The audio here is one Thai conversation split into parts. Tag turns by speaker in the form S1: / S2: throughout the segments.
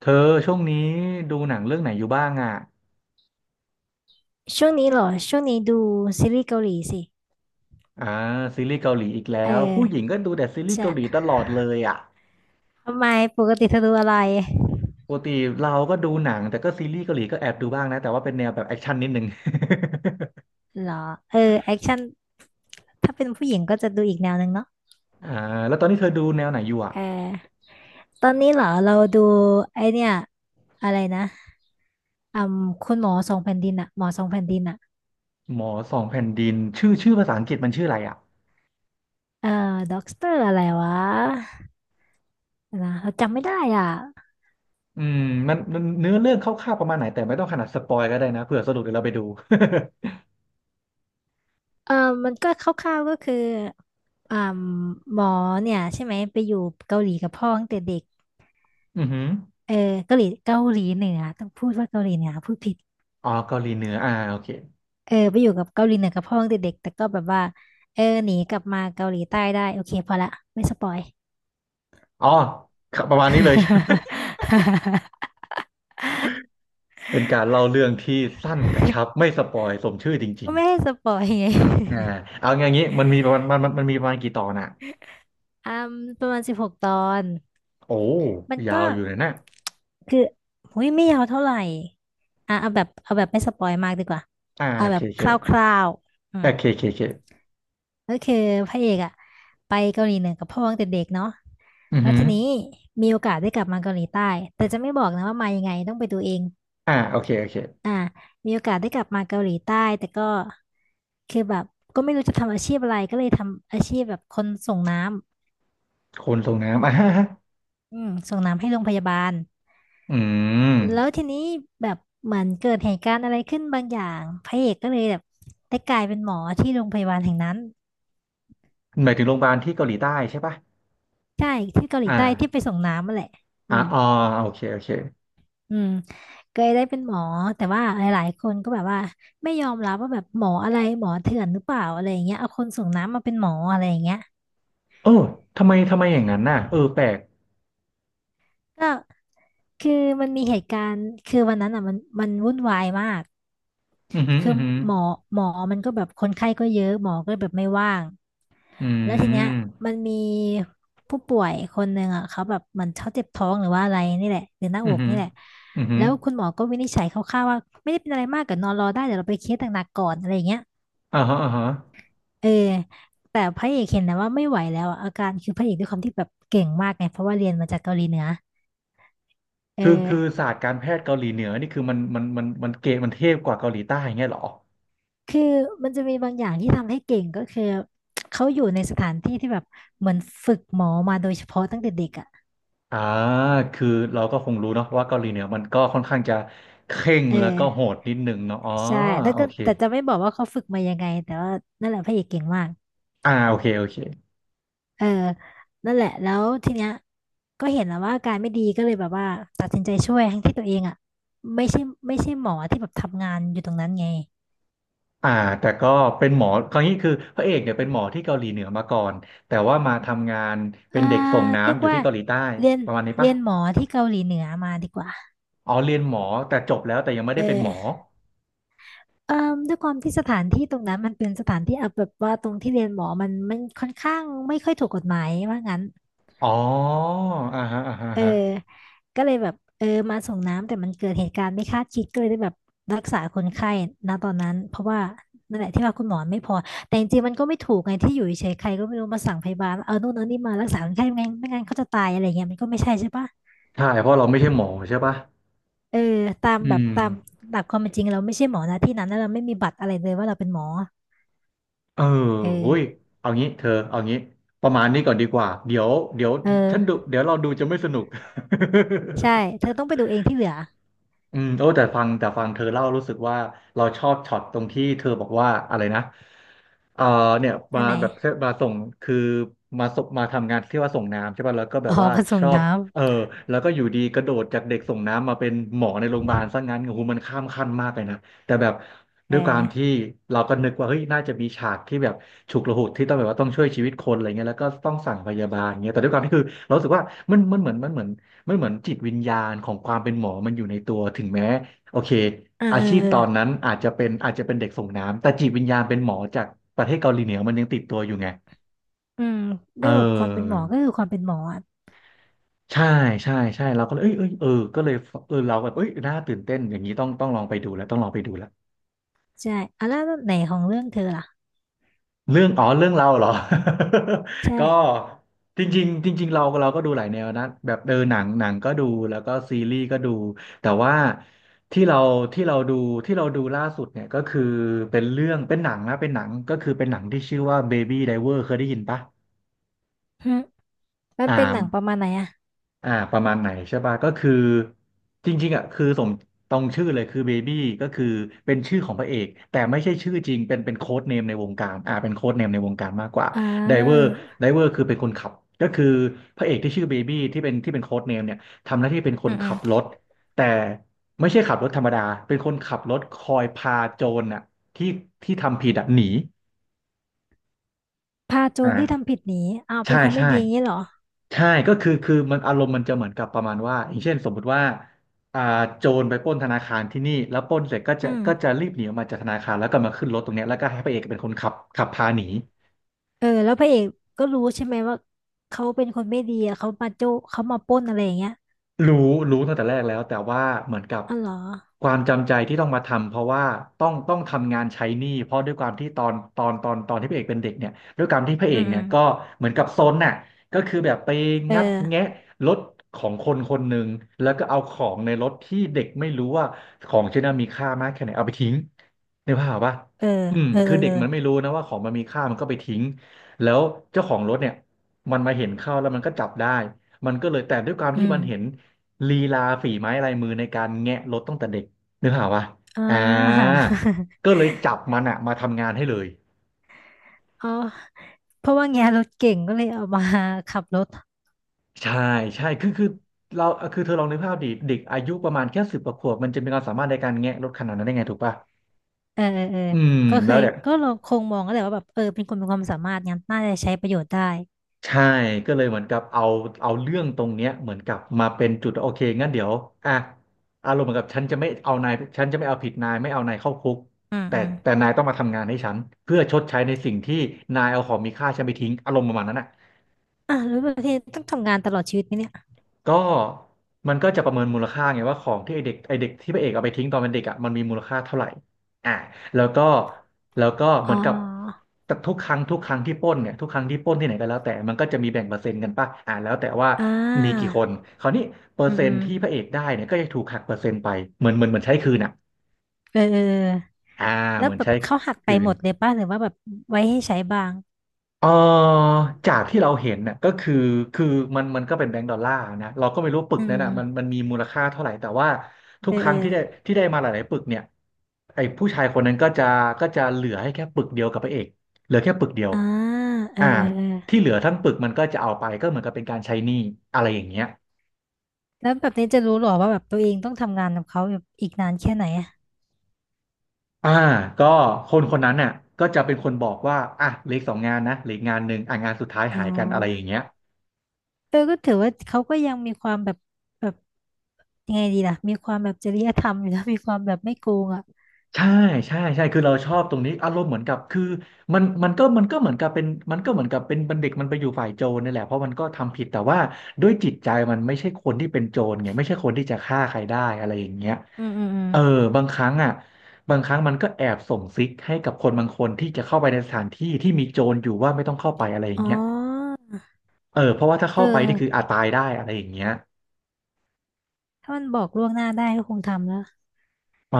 S1: เธอช่วงนี้ดูหนังเรื่องไหนอยู่บ้างอ่ะ
S2: ช่วงนี้เหรอช่วงนี้ดูซีรีส์เกาหลีสิ
S1: อ่าซีรีส์เกาหลีอีก
S2: เอ
S1: แล้
S2: อ
S1: วผู้หญิงก็ดูแต่ซีรีส์
S2: จะ
S1: เกาหลีตลอดเลยอ่ะ
S2: ทำไมปกติเธอดูอะไร
S1: ปกติเราก็ดูหนังแต่ก็ซีรีส์เกาหลีก็แอบดูบ้างนะแต่ว่าเป็นแนวแบบแอคชั่นนิดนึง
S2: เหรอเออแอคชั่นถ้าเป็นผู้หญิงก็จะดูอีกแนวหนึ่งเนาะ
S1: อ่าแล้วตอนนี้เธอดูแนวไหนอยู่อ่ะ
S2: เออตอนนี้เหรอเราดูไอเนี่ยอะไรนะอืมคุณหมอสองแผ่นดินอะหมอสองแผ่นดินอะ
S1: หมอสองแผ่นดินชื่อภาษาอังกฤษมันชื่ออะไรอ่ะ
S2: เออด็อกเตอร์อะไรวะนะเราจำไม่ได้อ่ะ
S1: อืมมันเนื้อเรื่องคร่าวๆประมาณไหนแต่ไม่ต้องขนาดสปอยก็ได้นะเผื่อสะดุดเดี๋ยวเราไปดู
S2: เออมันก็คร่าวๆก็คืออ่าหมอเนี่ยใช่ไหมไปอยู่เกาหลีกับพ่อตั้งแต่เด็ก
S1: อือหือ
S2: เออเกาหลีเกาหลีเหนือต้องพูดว่าเกาหลีเหนือพูดผิด
S1: อ๋อเกาหลีเหนืออ่าโอเค
S2: เออไปอยู่กับเกาหลีเหนือกับพ่อตั้งแต่เด็กแต่ก็แบบว่าเออหนีกลับมาเกาหลีใต้ได้โอเคพอละไม่สปอย
S1: อ๋อประมาณนี้เลย เป็นการเล่าเรื่องที่สั้นกระชับไม่สปอยสมชื่อจริ
S2: ก็
S1: ง
S2: ไม่ให้สปอยไง
S1: ๆอ่า เอาอย่างนี้มันมีประมาณมันมันมันมีประมาณกี่ตอนอ่ะ
S2: อืมประมาณ16ตอน
S1: โอ้
S2: มัน
S1: ยา
S2: ก็
S1: วอยู่เลยนะ
S2: คือหุยไม่ยาวเท่าไหร่อ่ะเอาแบบเอาแบบไม่สปอยมากดีกว่า
S1: อ่า
S2: เอา
S1: โอ
S2: แบ
S1: เค
S2: บ
S1: โอ
S2: ค
S1: เค
S2: ร่าวๆอื
S1: โอ
S2: ม
S1: เคโอเคโอเค
S2: ก็คือพระเอกอะไปเกาหลีเหนือกับพ่อตั้งแต่เด็กเนาะ
S1: อือ
S2: แล้ว
S1: หือ
S2: ทีนี้มีโอกาสได้กลับมาเกาหลีใต้แต่จะไม่บอกนะว่ามายังไงต้องไปดูเอง
S1: อ่าโอเคโอเค
S2: อ่ามีโอกาสได้กลับมาเกาหลีใต้แต่ก็คือแบบก็ไม่รู้จะทำอาชีพอะไรก็เลยทำอาชีพแบบคนส่งน้ำ
S1: คนส่งน้ำอ่า
S2: อืมส่งน้ำให้โรงพยาบาล
S1: อืม
S2: แล้วทีนี้แบบเหมือนเกิดเหตุการณ์อะไรขึ้นบางอย่างพระเอกก็เลยแบบได้กลายเป็นหมอที่โรงพยาบาลแห่งนั้น
S1: หมายถึงโรงพยาบาลที่เกาหลีใต้ใช่ปะ
S2: ใช่ที่เกาห
S1: อ
S2: ลีใต้ที่ไป
S1: ่า
S2: ส่งน้ำนั่นแหละ
S1: อ่า
S2: อืม
S1: อ๋อโอเคโอเค
S2: อืมเคยได้เป็นหมอแต่ว่าหลายๆคนก็แบบว่าไม่ยอมรับว่าแบบหมออะไรหมอเถื่อนหรือเปล่าอะไรอย่างเงี้ยเอาคนส่งน้ำมาเป็นหมออะไรอย่างเงี้ย
S1: โอ้ทำไมอย่างนั้นน่ะเออแปลก
S2: ก็คือมันมีเหตุการณ์คือวันนั้นอ่ะมันวุ่นวายมาก
S1: อือหือ
S2: คื
S1: อื
S2: อ
S1: อหือ
S2: หมอมันก็แบบคนไข้ก็เยอะหมอก็แบบไม่ว่าง
S1: อื
S2: แล้วทีเนี้ย
S1: ม
S2: มันมีผู้ป่วยคนหนึ่งอ่ะเขาแบบเหมันเขาเจ็บท้องหรือว่าอะไรนี่แหละหรือหน้า
S1: อื
S2: อ
S1: อ
S2: ก
S1: หือ
S2: นี่แหละ
S1: อือหือ
S2: แล้วคุณหมอก็วินิจฉัยคร่าวๆว่าไม่ได้เป็นอะไรมากก็นอนรอได้เดี๋ยวเราไปเคสหนักๆก่อนอะไรอย่างเงี้ย
S1: อ่าฮะอ่าฮะ
S2: เออแต่พระเอกเห็นนะว่าไม่ไหวแล้วอะอาการคือพระเอกด้วยความที่แบบเก่งมากไงเพราะว่าเรียนมาจากเกาหลีเหนือเออ
S1: คือคือศาสตร์การแพทย์เกาหลีเหนือนี่คือมันเก๋มันเทพกว่าเกาหลีใต้อย่างเงี้ยเหรอ
S2: คือมันจะมีบางอย่างที่ทำให้เก่งก็คือเขาอยู่ในสถานที่ที่แบบเหมือนฝึกหมอมาโดยเฉพาะตั้งแต่เด็กอ่ะ
S1: อ่าคือเราก็คงรู้เนาะว่าเกาหลีเหนือมันก็ค่อนข้างจะเคร่ง
S2: เอ
S1: แล้วก็โห
S2: อ
S1: ดนิดนึงเนาะอ๋อ
S2: ใช่แล้ว
S1: โอ
S2: ก็
S1: เค
S2: แต่จะไม่บอกว่าเขาฝึกมายังไงแต่ว่านั่นแหละพระเอกเก่งมาก
S1: อ่าโอเคโอเค
S2: เออนั่นแหละแล้วทีเนี้ยก็เห็นแล้วว่าอาการไม่ดีก็เลยแบบว่าตัดสินใจช่วยทั้งที่ตัวเองอ่ะไม่ใช่ไม่ใช่หมอที่แบบทำงานอยู่ตรงนั้นไง
S1: อ่าแต่ก็เป็นหมอคราวนี้คือพระเอกเนี่ยเป็นหมอที่เกาหลีเหนือมาก่อน แต่ว่ามาทำงานเป็
S2: อ่า
S1: นเด็กส่ง
S2: เรีย
S1: น้ำ
S2: ก
S1: อยู่
S2: ว่า
S1: ที่เกาหลีใต้
S2: เรียน
S1: ประมาณนี้
S2: เรี
S1: ปะ
S2: ยนหมอที่เกาหลีเหนือมาดีกว่า
S1: อ๋อเรียนหมอแต่จบแล้วแต่ยังไม่
S2: เ
S1: ได้เป็นหมอ
S2: ออเอ่อด้วยความที่สถานที่ตรงนั้นมันเป็นสถานที่เอาแบบว่าตรงที่เรียนหมอมันค่อนข้างไม่ค่อยถูกกฎหมายว่างั้น
S1: อ๋ออ่าฮะอ่าฮะอ่า
S2: เออ
S1: ฮะ
S2: ก็เลยแบบเออมาส่งน้ำแต่มันเกิดเหตุการณ์ไม่คาดคิดก็เลยได้แบบรักษาคนไข้ณตอนนั้นเพราะว่านั่นแหละที่ว่าคุณหมอไม่พอแต่จริงๆมันก็ไม่ถูกไงที่อยู่เฉยๆใครก็ไม่รู้มาสั่งพยาบาลว่าเอานู่นเอานี่มารักษาคนไข้ไม่งั้นไม่งั้นเขาจะตายอะไรเงี้ยมันก็ไม่ใช่ใช่ปะ
S1: ใช่เพราะเราไม่ใช่หมอใช่ปะ
S2: เออตาม
S1: อื
S2: แบบ
S1: ม
S2: ตามหลักความเป็นจริงเราไม่ใช่หมอนะที่นั้นแล้วเราไม่มีบัตรอะไรเลยว่าเราเป็นหมอ
S1: เออ
S2: เอ
S1: หุ้ย
S2: อ
S1: เอางี้ เธอเอางี้ ประมาณนี้ก่อนดีกว่า เดี๋ยวเดี๋ยว
S2: เอ
S1: ฉันดู
S2: อ
S1: เดี๋ยวเราดูจะไม่สนุก
S2: ใช่เธอต้องไปดูเองที่เหลือ
S1: อืมโอ้แต่ฟังเธอเล่ารู้สึกว่าเราชอบช็อตตรงที่เธอบอกว่าอะไรนะเออเนี่ย
S2: อั
S1: มา
S2: นไหน
S1: แบบมาส่งคือมาทำงานที่ว่าส่งน้ำใช่ป่ะแล้วก็แบ
S2: อ๋อ
S1: บว่า
S2: มาส่
S1: ช
S2: ง
S1: อบ
S2: น้
S1: เออแล้วก็อยู่ดีกระโดดจากเด็กส่งน้ำมาเป็นหมอในโรงพยาบาลซะงั้นโอ้โหมันข้ามขั้นมากเลยนะแต่แบบ
S2: ำเอ
S1: ด้วยความที่
S2: อ
S1: เราก็นึกว่าเฮ้ยน่าจะมีฉากที่แบบฉุกละหุกที่ต้องแบบว่าต้องช่วยชีวิตคนอะไรเงี้ยแล้วก็ต้องสั่งพยาบาลเงี้ยแต่ด้วยความที่คือเรารู้สึกว่ามันมันเหมือนมันเหมือน มันเหมือนจิตวิญญาณของความเป็นหมอมันอยู่ในตัวถึงแม้โอเค
S2: เออ
S1: อา
S2: เอ
S1: ชี
S2: อ
S1: พ
S2: เออ
S1: ตอนนั้นอาจจะเป็นเด็กส่งน้ำแต่จิตวิญญาณเป็นหมอจากประเทศเกาหลีเหนือมันยังติดตัวอยู่ไง
S2: อืมด้
S1: เอ
S2: วยแบบความเป็น
S1: อ
S2: หมอก็คือความเป็นหมออะ
S1: ใช่ใช่เราก็เลยเอ้ยเออก็เลยเออเราแบบเอ้ยน่าตื่นเต้นอย่างนี้ต้องลองไปดูแล้วต้องลองไปดูแล้ว
S2: ใช่อ่ะแล้วไหนของเรื่องเธอล่ะ
S1: เรื่องอ๋อเรื่องเราเหรอ
S2: ใช่
S1: ก็จริงๆจริงๆเราก็ดูหลายแนวนะแบบเออหนังก็ดูแล้วก็ซีรีส์ก็ดูแต่ว่าที่เราที่เราดูที่เราดูล่าสุดเนี่ยก็คือเป็นเรื่องเป็นหนังนะเป็นหนังก็คือเป็นหนังที่ชื่อว่า Baby Driver เคยได้ยินปะ
S2: หึมัน
S1: อ่า
S2: เป็นหนังประมาณไหนอ่ะ
S1: อ่าประมาณไหนใช่ป่ะก็คือจริงๆอ่ะคือสมตรงชื่อเลยคือเบบี้ก็คือเป็นชื่อของพระเอกแต่ไม่ใช่ชื่อจริงเป็นโค้ดเนมในวงการอ่าเป็นโค้ดเนมในวงการมากกว่า
S2: อ่
S1: ไดเวอร์
S2: า
S1: ไดเวอร์คือเป็นคนขับก็คือพระเอกที่ชื่อเบบี้ที่เป็นโค้ดเนมเนี่ยทำหน้าที่เป็นค
S2: อื
S1: น
S2: มอื
S1: ขั
S2: ม
S1: บรถแต่ไม่ใช่ขับรถธรรมดาเป็นคนขับรถคอยพาโจรน่ะที่ที่ทำผิดอ่ะหนี
S2: พาโจรที่
S1: อ่า
S2: ทำผิดหนีอ้าวเป็
S1: ใช่
S2: นคนไม่
S1: ใช่
S2: ดีอย่างนี้เหรอ
S1: ใช่ก็คือคือมันอารมณ์มันจะเหมือนกับประมาณว่าอย่างเช่นสมมุติว่าอ่าโจรไปปล้นธนาคารที่นี่แล้วปล้นเสร็จก็
S2: อื
S1: จะ
S2: ม
S1: ก็จะรีบหนีออกมาจากธนาคารแล้วก็มาขึ้นรถตรงเนี้ยแล้วก็ให้พระเอกเป็นคนขับขับพาหนี
S2: เออแล้วพระเอกก็รู้ใช่ไหมว่าเขาเป็นคนไม่ดีอะเขามาโจเขามาปล้นอะไรอย่างเงี้ย
S1: รู้รู้ตั้งแต่แรกแล้วแต่ว่าเหมือนกับ
S2: อ๋อเหรอ
S1: ความจำใจที่ต้องมาทำเพราะว่าต้องทำงานใช้หนี้เพราะด้วยความที่ตอนที่พระเอกเป็นเด็กเนี่ยด้วยความที่พระเอ
S2: อื
S1: กเนี่ยก็
S2: ม
S1: เหมือนกับซนน่ะก็คือแบบไป
S2: เอ
S1: งัดแงะ
S2: อ
S1: รถของคนคนหนึ่งแล้วก็เอาของในรถที่เด็กไม่รู้ว่าของชิ้นนั้นมีค่ามากแค่ไหนเอาไปทิ้งในภาพปะ
S2: เออ
S1: อืม
S2: เออ
S1: คื
S2: เอ
S1: อ
S2: อ
S1: เด็ก
S2: เออ
S1: มันไม่รู้นะว่าของมันมีค่ามันก็ไปทิ้งแล้วเจ้าของรถเนี่ยมันมาเห็นเข้าแล้วมันก็จับได้มันก็เลยแต่ด้วยความที่
S2: อืม
S1: มันเห็น ลีลาฝีไม้ลายมือในการแงะรถตั้งแต่เด็กนึกภาพวะ
S2: อ่
S1: อ่า
S2: า
S1: ก็เลยจับมันอะมาทำงานให้เลย
S2: เอาเพราะว่าแงรถเก่งก็เลยเอามาขับรถ
S1: ใช่ใช่คือเราคือเธอลองนึกภาพดิเด็กอายุประมาณแค่สิบกว่าขวบมันจะมีความสามารถในการแงะรถขนาดนั้นได้ไงถูกป่ะ
S2: เออเออเออ
S1: อืม
S2: ก็เค
S1: แล้ว
S2: ย
S1: เนี่ย
S2: ก็เราคงมองก็แหละว่าแบบเออเป็นคนมีความสามารถงั้นน่าจะใช้ประโยชน์ได้
S1: ใช่ก็เลยเหมือนกับเอาเรื่องตรงเนี้ยเหมือนกับมาเป็นจุดโอเคงั้นเดี๋ยวอ่ะอารมณ์เหมือนกับฉันจะไม่เอานายฉันจะไม่เอาผิดนายไม่เอานายเข้าคุก
S2: อืม
S1: แต่
S2: อืม
S1: แต่นายต้องมาทำงานให้ฉันเพื่อชดใช้ในสิ่งที่นายเอาของมีค่าฉันไปทิ้งอารมณ์ประมาณนั้นอ่ะ
S2: อ่ะแล้วประเทศต้องทำงานตลอดชีวิตไหมเนี่ย
S1: ก็มันก็จะประเมินมูลค่าไงว่าของที่ไอเด็กที่พระเอกเอาไปทิ้งตอนเป็นเด็กอ่ะมันมีมูลค่าเท่าไหร่อ่าแล้วก็แล้วก็เห
S2: อ๋
S1: มือนกับ
S2: อ
S1: แต่ทุกครั้งที่ปล้นเนี่ยทุกครั้งที่ปล้นที่ไหนก็แล้วแต่มันก็จะมีแบ่งเปอร์เซ็นต์กันป่ะอ่าแล้วแต่ว่า
S2: อ่
S1: มีกี่
S2: า
S1: คนคราวนี้เปอ
S2: อื
S1: ร์
S2: ม
S1: เซ็
S2: อื
S1: นต์
S2: ม
S1: ที่พระเอกได้เนี่ยก็จะถูกหักเปอร์เซ็นต์ไปเหมือนใช้คืนอ่ะ
S2: เออเออเออ
S1: อ่า
S2: แล้
S1: เห
S2: ว
S1: มือน
S2: แบบ
S1: ใช้
S2: เขาหักไป
S1: คื
S2: หม
S1: น
S2: ดเลยป่ะหรือว่าแบบไว้ให้ใช้บ้าง
S1: เออจากที่เราเห็นน่ะก็คือคือมันก็เป็นแบงก์ดอลลาร์นะเราก็ไม่รู้ปึก
S2: อื
S1: นั้นน่ะมัน
S2: ม
S1: มันมีมูลค่าเท่าไหร่แต่ว่าทุ
S2: เอ
S1: ก
S2: อ
S1: ค
S2: เอ
S1: รั้
S2: อ
S1: งที่ได้ที่ได้มาหลายๆปึกเนี่ยไอ้ผู้ชายคนนั้นก็จะก็จะเหลือให้แค่ปึกเดียวกับพระเอกเหลือแค่ปึกเดียว
S2: อ่าเออ
S1: อ่า
S2: เออเออ
S1: ที่เหลือทั้งปึกมันก็จะเอาไปก็เหมือนกับเป็นการใช้หนี้อะไรอย่างเงี้ย
S2: แล้วแบบนี้จะรู้หรอว่าแบบตัวเองต้องทำงานกับเขาแบบอีกนานแค่ไหนอะ
S1: อ่าก็คนคนนั้นน่ะก็จะเป็นคนบอกว่าอ่ะเหลืออกสองงานนะเหลืออกงานหนึ่งอ่ะงานสุดท้าย
S2: อ๋
S1: หายกันอะไรอย่าง
S2: อ
S1: เงี้ย
S2: เออก็ถือว่าเขาก็ยังมีความแบบแบบยังไงดีล่ะมีความแบบจริยธรรมอยู่นะ มีความแบบไม่โกงอ่ะ
S1: ใช่ใช่คือเราชอบตรงนี้อารมณ์เหมือนกับคือมันมันก็มันก็เหมือนกับเป็นมันก็เหมือนกับเป็นบัณฑิตมันไปอยู่ฝ่ายโจรนี่แหละเพราะมันก็ทำผิดแต่ว่าด้วยจิตใจมันไม่ใช่คนที่เป็นโจรไงไม่ใช่คนที่จะฆ่าใครได้อะไรอย่างเงี้ย
S2: อืมอืมอืม
S1: เออบางครั้งอ่ะบางครั้งมันก็แอบส่งซิกให้กับคนบางคนที่จะเข้าไปในสถานที่ที่มีโจรอยู่ว่าไม่ต้องเข้าไปอะไรอย่าง
S2: อ๋อ
S1: เงี้ยเออเพราะว่าถ้า
S2: เอ
S1: เข้า
S2: อ
S1: ไปนี่คืออาจตายได้อะไรอย่างเงี้ย
S2: ถ้ามันบอกล่วงหน้าได้ก็คงทำแล้ว
S1: เออ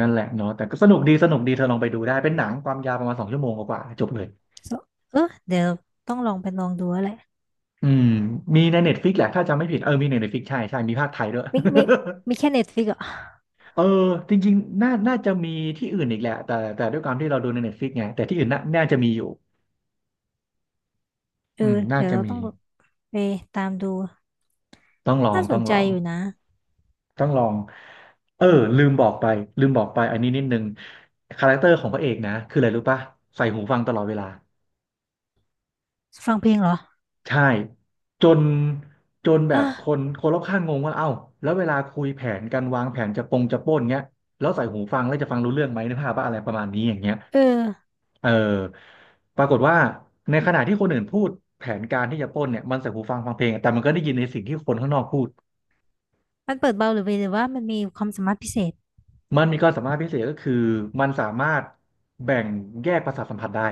S1: นั่นแหละเนาะแต่ก็สนุกดีเธอลองไปดูได้เป็นหนังความยาวประมาณสองชั่วโมงกว่าๆจบเลย
S2: So- เออเดี๋ยวต้องลองไปลองดูแล้วแหละ
S1: อืมมีในเน็ตฟิกแหละถ้าจำไม่ผิดเออมีในเน็ตฟิกใช่ใช่มีภาคไทยด้วย
S2: ไม่ไม่ไม่แค่เน็ตฟลิกอ่ะ
S1: เออจริงๆน่าจะมีที่อื่นอีกแหละแต่ด้วยความที่เราดูในเน็ตฟิกไงแต่ที่อื่นน่าจะมีอยู่
S2: เอ
S1: อื
S2: อ
S1: มน่า
S2: เดี๋ยว
S1: จะ
S2: เรา
S1: มี
S2: ต้องแบบไปตามดู
S1: ต้องลอง
S2: น่าส
S1: ต้อ
S2: น
S1: งล
S2: ใจ
S1: อง
S2: อยู่นะ
S1: ต้องลองเออลืมบอกไปลืมบอกไปอันนี้นิดนึงคาแรคเตอร์ของพระเอกนะคืออะไรรู้ป่ะใส่หูฟังตลอดเวลา
S2: ฟังเพลงเหรอ
S1: ใช่จนจนแบ
S2: อ่ะ
S1: บคนคนรอบข้างงงว่าเอ้าแล้วเวลาคุยแผนกันวางแผนจะปล้นเงี้ยแล้วใส่หูฟังแล้วจะฟังรู้เรื่องไหมนึกภาพว่าอะไรประมาณนี้อย่างเงี้ย
S2: เออ
S1: เออปรากฏว่าในขณะที่คนอื่นพูดแผนการที่จะปล้นเนี่ยมันใส่หูฟังฟังเพลงแต่มันก็ได้ยินในสิ่งที่คนข้างนอกพูด
S2: มันเปิดเบาหรือไปหรือว่ามันมีความสามารถพิเศษ
S1: มันมีความสามารถพิเศษก็คือมันสามารถแบ่งแยกประสาทสัมผัสได้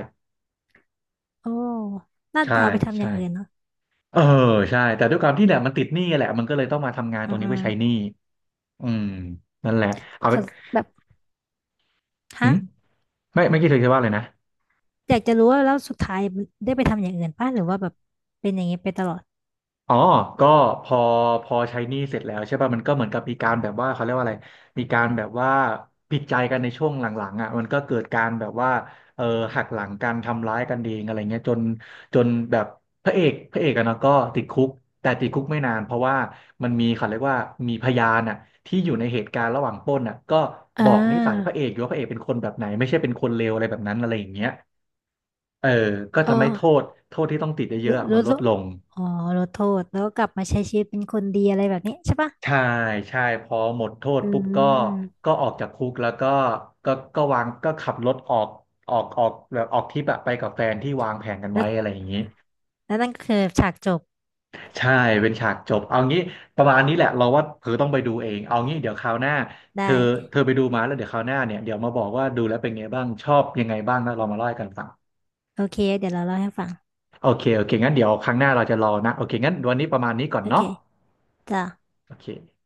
S2: โอ้น่า
S1: ใช่
S2: จะเอาไปทำอ
S1: ใช่
S2: ย่างอื่นเนาะ
S1: เออใช่แต่ด้วยความที่เนี่ยมันติดหนี้แหละมันก็เลยต้องมาทำงานต
S2: อื
S1: รง
S2: ม
S1: นี้
S2: อื
S1: เพื่
S2: ม
S1: อใช้หนี้ อืมนั่นแหละเอา
S2: ข
S1: เป็
S2: อ
S1: น
S2: แบบ
S1: หื
S2: ฮะ
S1: มไม่คิดถึงจะว่าเลยนะ
S2: อยากจะรู้ว่าแล้วสุดท้ายมันได้ไปทำอย่างอื่นป่ะหรือว่าแบบเป็นอย่างนี้ไปตลอด
S1: อ๋อก็พอพอใช้หนี้เสร็จแล้วใช่ป่ะมันก็เหมือนกับมีการแบบว่าเขาเรียกว่าอะไรมีการแบบว่าผิดใจกันในช่วงหลังๆอ่ะมันก็เกิดการแบบว่าเออหักหลังกันทำร้ายกันเองอะไรเงี้ยจนแบบพระเอกอะเนาะก็ติดคุกแต่ติดคุกไม่นานเพราะว่ามันมีเขาเรียกว่ามีพยานอ่ะที่อยู่ในเหตุการณ์ระหว่างปล้นอ่ะก็
S2: อ่
S1: บอกนิสัยพระ
S2: า
S1: เอกอยู่ว่าพระเอกเป็นคนแบบไหนไม่ใช่เป็นคนเลวอะไรแบบนั้นอะไรอย่างเงี้ย เออก็ทำให้โท
S2: เออ
S1: ษโทษที่ต้องติดเยอะ
S2: รู้
S1: ๆอะมัน
S2: รู้
S1: ลด
S2: รู้
S1: ลง
S2: อ๋อรู้โทษแล้วก็กลับมาใช้ชีวิตเป็นคนดีอะไรแบบนี้ใช่ป่ะ
S1: ใช่ใช่พอหมดโทษ
S2: อื
S1: ปุ๊บก็
S2: ม
S1: ก็ออกจากคุกแล้วก็ก็ก็วางก็ขับรถออกแบบออกทริปอะไปกับแฟนที่วางแผนกัน
S2: แล้
S1: ไว้
S2: ว
S1: อะไรอย่างนี้
S2: แล้วนั่นก็คือฉากจบ
S1: ใช่เป็นฉากจบเอางี้ประมาณนี้แหละเราว่าเธอต้องไปดูเองเอางี้เดี๋ยวคราวหน้า
S2: ได
S1: เธอเธ
S2: ้
S1: อไปดูมาแล้วเดี๋ยวคราวหน้าเนี่ยเดี๋ยวมาบอกว่าดูแล้วเป็นไงบ้างชอบยังไงบ้างแล้วเรามาเล่าให้กันฟัง
S2: โอเคเดี๋ยวเราเล่าให้ฟัง
S1: โอเคงั้นเดี๋ยวครั้งหน้าเราจะรอนะโอเคงั้นวันนี้ประมาณนี้ก่อน
S2: โอเค
S1: เนาะ
S2: จ้ะ
S1: โอเค